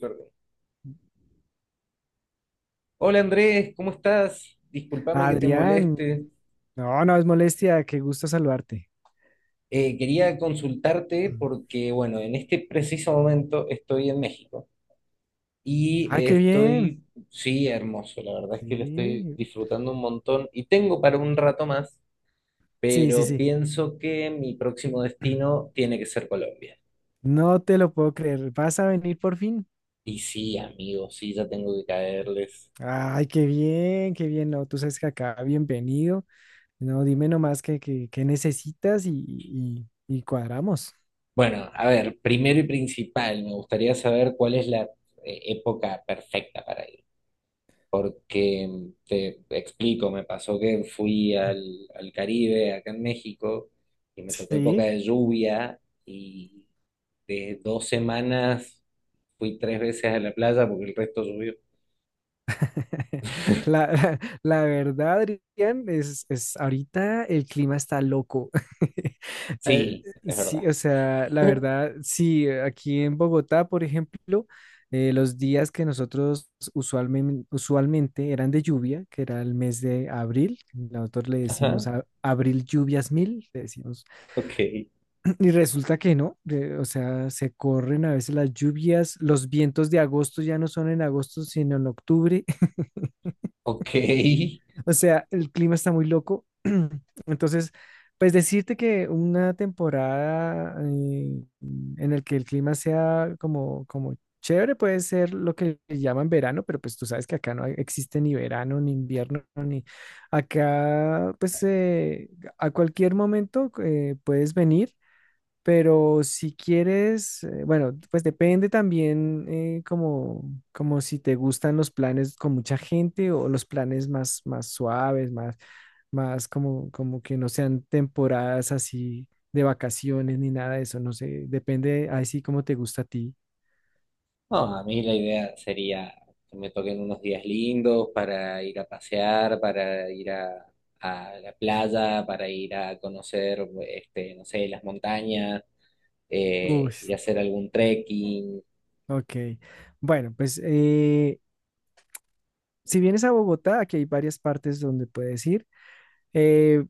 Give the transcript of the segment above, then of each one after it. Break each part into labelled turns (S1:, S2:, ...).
S1: Perdón. Hola Andrés, ¿cómo estás? Discúlpame que te
S2: Adrián,
S1: moleste.
S2: no, no es molestia, qué gusto saludarte.
S1: Quería consultarte
S2: Mm.
S1: porque, bueno, en este preciso momento estoy en México y
S2: Ah, qué bien.
S1: sí, hermoso, la verdad es que lo estoy
S2: Sí,
S1: disfrutando un montón y tengo para un rato más,
S2: sí, sí,
S1: pero
S2: sí.
S1: pienso que mi próximo destino tiene que ser Colombia.
S2: No te lo puedo creer. ¿Vas a venir por fin?
S1: Y sí, amigo, sí, ya tengo que caerles.
S2: Ay, qué bien, qué bien. No, tú sabes que acá, bienvenido. No, dime nomás qué necesitas y cuadramos.
S1: Bueno, a ver, primero y principal, me gustaría saber cuál es la época perfecta para ir. Porque te explico, me pasó que fui al Caribe, acá en México, y me tocó época
S2: Sí.
S1: de lluvia, y de dos semanas fui tres veces a la playa porque el resto llovió.
S2: La verdad, Adrián, es ahorita el clima está loco. Eh,
S1: Sí, es verdad.
S2: sí, o sea, la verdad, sí, aquí en Bogotá, por ejemplo, los días que nosotros usualmente eran de lluvia, que era el mes de abril, nosotros
S1: Ajá,
S2: abril lluvias mil, le decimos,
S1: ok,
S2: y resulta que no, o sea, se corren a veces las lluvias, los vientos de agosto ya no son en agosto, sino en octubre.
S1: ok.
S2: O sea, el clima está muy loco. Entonces, pues decirte que una temporada en el que el clima sea como chévere puede ser lo que le llaman verano, pero pues tú sabes que acá existe ni verano, ni invierno, ni acá, pues a cualquier momento puedes venir, pero si quieres, bueno, pues depende también como, como si te gustan los planes con mucha gente o los planes más, más suaves, más, más como que no sean temporadas así de vacaciones ni nada de eso, no sé, depende así como te gusta a ti.
S1: No, a mí la idea sería que me toquen unos días lindos para ir a pasear, a la playa, para ir a conocer, este, no sé, las montañas.
S2: Uy,
S1: Ir a hacer algún trekking.
S2: ok. Bueno, pues si vienes a Bogotá, aquí hay varias partes donde puedes ir. Eh,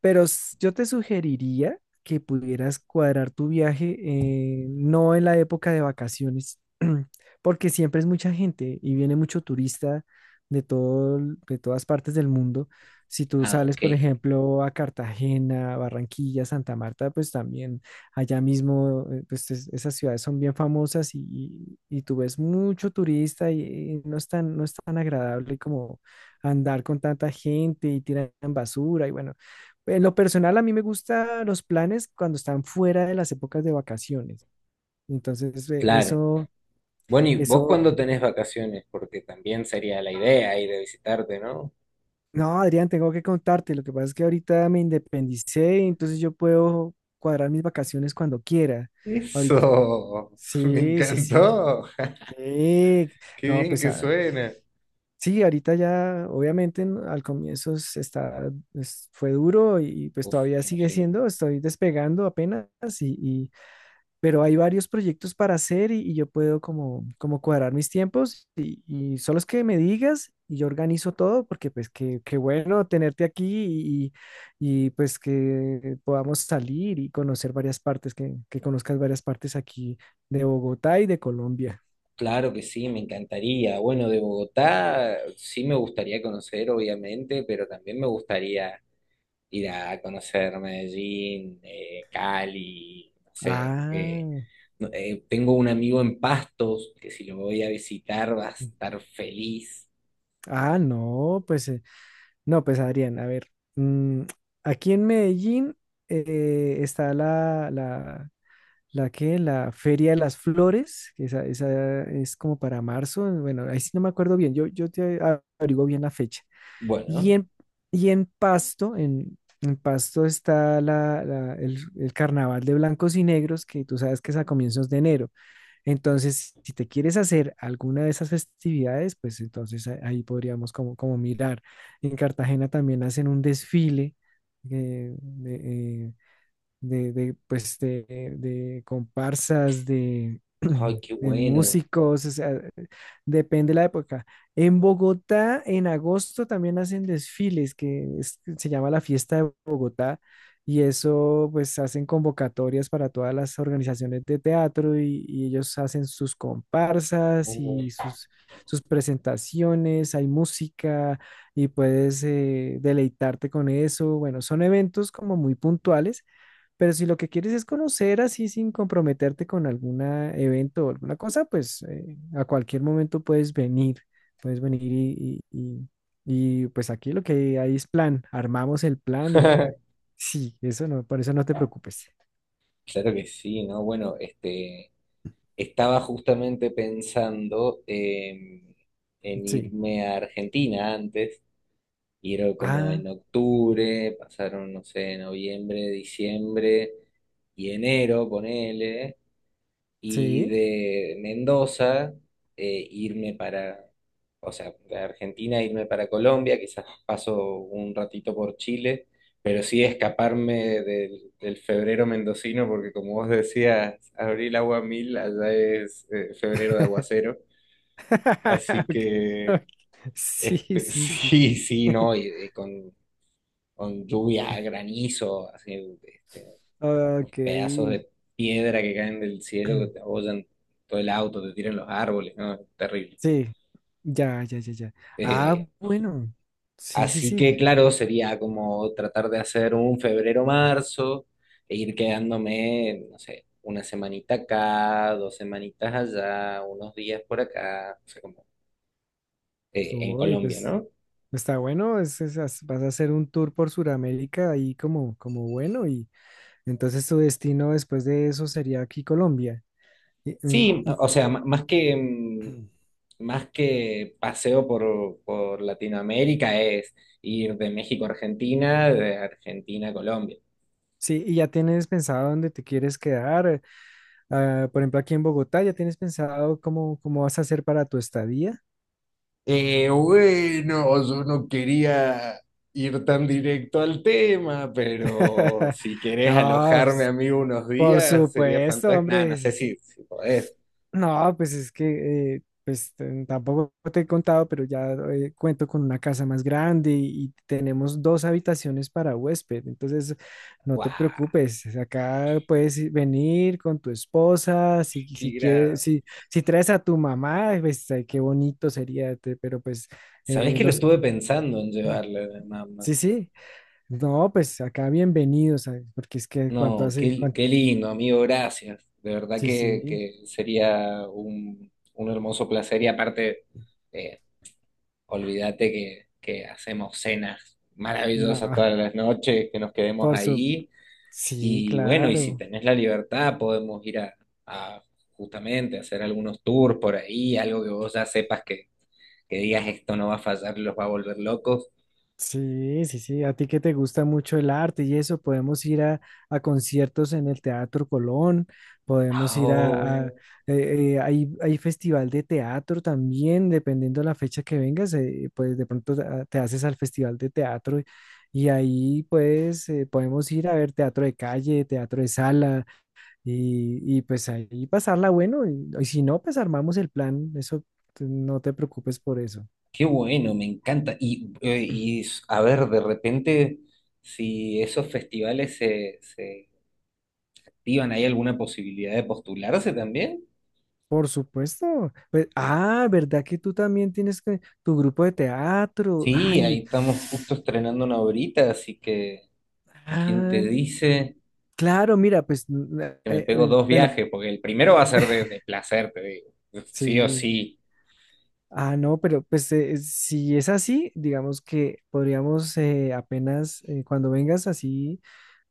S2: pero s- Yo te sugeriría que pudieras cuadrar tu viaje, no en la época de vacaciones, porque siempre es mucha gente y viene mucho turista de todo, de todas partes del mundo. Si tú
S1: Ah,
S2: sales,
S1: ok,
S2: por ejemplo, a Cartagena, Barranquilla, Santa Marta, pues también allá mismo, pues esas ciudades son bien famosas y, y tú ves mucho turista y, no es tan, no es tan agradable andar con tanta gente y tiran basura y bueno, en lo personal a mí me gustan los planes cuando están fuera de las épocas de vacaciones. Entonces,
S1: claro.
S2: eso,
S1: Bueno, ¿y vos
S2: eso,
S1: cuándo tenés vacaciones? Porque también sería la idea ir a visitarte, ¿no?
S2: no, Adrián, tengo que contarte, lo que pasa es que ahorita me independicé, entonces yo puedo cuadrar mis vacaciones cuando quiera. Ahorita,
S1: Eso, me
S2: sí, sí, sí.
S1: encantó.
S2: Sí,
S1: Qué
S2: no,
S1: bien que suena.
S2: Sí, ahorita ya, obviamente, al comienzo fue duro y pues
S1: Uf,
S2: todavía
S1: me
S2: sigue
S1: imagino.
S2: siendo, estoy despegando apenas, y, y- pero hay varios proyectos para hacer y yo puedo como, como cuadrar mis tiempos y solo es que me digas y yo organizo todo porque pues qué, qué bueno tenerte aquí y, pues que podamos salir y conocer varias partes, que conozcas varias partes aquí de Bogotá y de Colombia.
S1: Claro que sí, me encantaría. Bueno, de Bogotá sí me gustaría conocer, obviamente, pero también me gustaría ir a conocer Medellín, Cali, no sé.
S2: Ah,
S1: Tengo un amigo en Pastos que si lo voy a visitar va a estar feliz.
S2: ah, no, pues... No, pues Adrián, a ver, mm, aquí en Medellín está la la Feria de las Flores, que esa es como para marzo, bueno, ahí sí no me acuerdo bien, yo, averiguo bien la fecha. Y
S1: Bueno,
S2: en, y en Pasto, en Pasto está el Carnaval de Blancos y Negros, que tú sabes que es a comienzos de enero. Entonces, si te quieres hacer alguna de esas festividades, pues entonces ahí podríamos como, como mirar. En Cartagena también hacen un desfile eh, de, eh, de, de, pues, de, de comparsas, de,
S1: ay, qué
S2: de
S1: bueno.
S2: músicos, o sea, depende la época. En Bogotá, en agosto también hacen desfiles, se llama la Fiesta de Bogotá, y eso, pues, hacen convocatorias para todas las organizaciones de teatro y ellos hacen sus comparsas y
S1: Uh,
S2: sus, sus presentaciones, hay música y puedes deleitarte con eso. Bueno, son eventos como muy puntuales pero si lo que quieres es conocer así sin comprometerte con algún evento o alguna cosa, pues a cualquier momento puedes venir y, pues aquí lo que hay es plan, armamos el plan y sí, eso no, por eso no te preocupes.
S1: claro que sí, ¿no? Bueno, este, estaba justamente en
S2: Sí.
S1: irme a Argentina antes, ir como
S2: Ah,
S1: en octubre, pasaron, no sé, noviembre, diciembre y enero, ponele. Y
S2: sí.
S1: de Mendoza eh, irme para, o sea, de Argentina irme para Colombia, quizás paso un ratito por Chile, pero sí escaparme del febrero mendocino, porque como vos decías, abril agua mil, allá es febrero de aguacero, así
S2: Ok,
S1: que
S2: ok. Sí,
S1: este,
S2: sí, sí.
S1: sí, sí, no, con lluvia, granizo, así, este,
S2: Ok.
S1: pedazos de piedra que caen del cielo, que te abollan todo el auto, te tiran los árboles, ¿no? Es terrible.
S2: Sí, ya, ya, ya, ya. Ah,
S1: Eh,
S2: bueno. Sí, sí,
S1: Así
S2: sí.
S1: que, claro, sería como tratar de hacer un febrero-marzo e ir quedándome, no sé, una semanita acá, dos semanitas allá, unos días por acá, o sea, como en
S2: Uy,
S1: Colombia,
S2: pues...
S1: ¿no?
S2: Está bueno, vas a hacer un tour por Sudamérica ahí como, como bueno y entonces tu destino después de eso sería aquí Colombia. Y, mm,
S1: Sí,
S2: y-
S1: o sea, más que, mm, más que paseo por Latinoamérica es ir de México a Argentina, de Argentina a Colombia.
S2: sí, y ya tienes pensado dónde te quieres quedar. Ah, por ejemplo, aquí en Bogotá, ¿ya tienes pensado cómo, cómo vas a hacer para tu estadía?
S1: Bueno, yo no quería ir tan directo al tema, pero si querés
S2: No,
S1: alojarme
S2: pues,
S1: a mí unos
S2: por
S1: días, sería
S2: supuesto,
S1: fantástico. Nada, no
S2: hombre.
S1: sé si podés.
S2: No, pues es que pues tampoco te he contado, pero ya cuento con una casa más grande y tenemos dos habitaciones para huésped. Entonces, no te
S1: ¡Guau!
S2: preocupes, acá venir con tu esposa, si,
S1: ¡Qué
S2: si quieres,
S1: gran!
S2: si, si traes a tu mamá, pues ay, qué bonito sería, pero pues
S1: ¿Sabés que lo
S2: los...
S1: estuve pensando en llevarle a mi mamá?
S2: Sí, sí, no, pues acá bienvenidos, ay, porque es que cuánto
S1: No,
S2: hace,
S1: qué,
S2: cuán-
S1: qué lindo, amigo, gracias. De verdad
S2: sí, sí,
S1: que sería un hermoso placer y aparte, eh, olvídate que hacemos cenas maravillosas
S2: no,
S1: todas las noches, que nos quedemos
S2: por su...
S1: ahí
S2: Sí,
S1: y bueno, y si
S2: claro.
S1: tenés la libertad podemos ir a justamente hacer algunos tours por ahí, algo que vos ya sepas que digas esto no va a fallar, los va a volver locos.
S2: Sí, sí, sí. A ti que te gusta mucho el arte y eso, podemos ir a conciertos en el Teatro Colón, podemos ir
S1: Oh,
S2: hay, hay festival de teatro también, dependiendo de la fecha que vengas, pues de pronto te haces al festival de teatro y ahí pues podemos ir a ver teatro de calle, teatro de sala y pues ahí pasarla bueno y si no, pues armamos el plan, eso no te preocupes por eso.
S1: qué bueno, me encanta. Y, a ver, de repente, si esos festivales se activan, ¿hay alguna posibilidad de postularse también?
S2: Por supuesto. Pues, ah, ¿verdad que tú también tienes que, tu grupo de teatro?
S1: Sí, ahí
S2: Ay,
S1: estamos justo estrenando una obrita, así que ¿quién te
S2: ah,
S1: dice
S2: claro, mira, pues,
S1: que me pego dos
S2: bueno,
S1: viajes? Porque el primero va a ser de placer, te digo. Sí o
S2: sí.
S1: sí.
S2: Ah, no, pero pues si es así, digamos que podríamos apenas cuando vengas así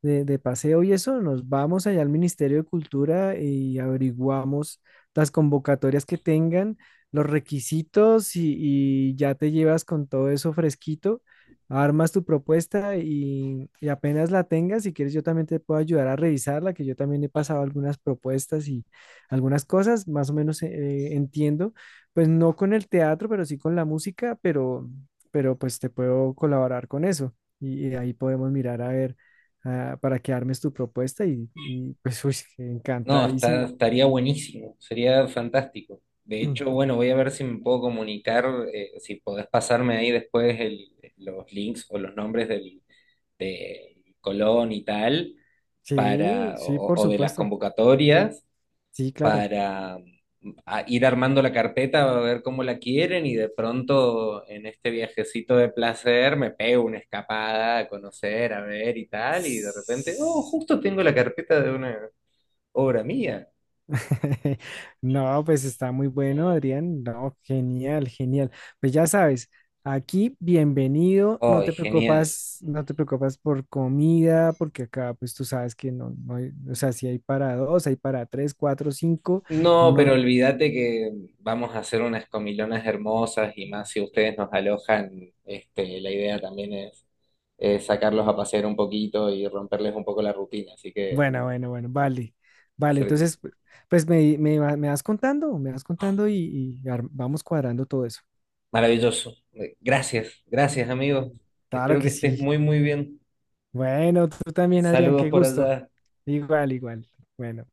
S2: de paseo y eso, nos vamos allá al Ministerio de Cultura y averiguamos las convocatorias que tengan, los requisitos y ya te llevas con todo eso fresquito, armas tu propuesta y apenas la tengas, si quieres yo también te puedo ayudar a revisarla, que yo también he pasado algunas propuestas y algunas cosas, más o menos entiendo. Pues no con el teatro, pero sí con la música, pero pues te puedo colaborar con eso. Y ahí podemos mirar a ver para que armes tu propuesta y, pues uy,
S1: No, está,
S2: encantadísimo.
S1: estaría buenísimo, sería fantástico. De hecho, bueno, voy a ver si me puedo comunicar, si podés pasarme ahí después los links o los nombres del de Colón y tal,
S2: Sí, sí, por
S1: o de las
S2: supuesto.
S1: convocatorias,
S2: Sí, claro.
S1: para a ir armando la carpeta, a ver cómo la quieren y de pronto en este viajecito de placer me pego una escapada a conocer, a ver y tal, y de repente, oh, justo tengo la carpeta de una obra mía.
S2: No, pues está muy bueno, Adrián. No, genial, genial. Pues ya sabes, aquí bienvenido. No
S1: ¡Ay,
S2: te
S1: genial!
S2: preocupas, no te preocupas por comida, porque acá, pues tú sabes que no, no hay, o sea, si hay para dos, hay para tres, cuatro, cinco.
S1: No, pero
S2: No,
S1: olvídate que vamos a hacer unas comilonas hermosas y más si ustedes nos alojan, este, la idea también es sacarlos a pasear un poquito y romperles un poco la rutina, así que
S2: bueno, bueno, bueno, vale, vale.
S1: sí, sí.
S2: Entonces, pues me vas contando vamos cuadrando todo eso.
S1: Maravilloso. Gracias, gracias amigos.
S2: Claro
S1: Espero que
S2: que
S1: estés
S2: sí.
S1: muy muy bien.
S2: Bueno, tú también, Adrián,
S1: Saludos
S2: qué
S1: por
S2: gusto.
S1: allá.
S2: Igual, igual. Bueno.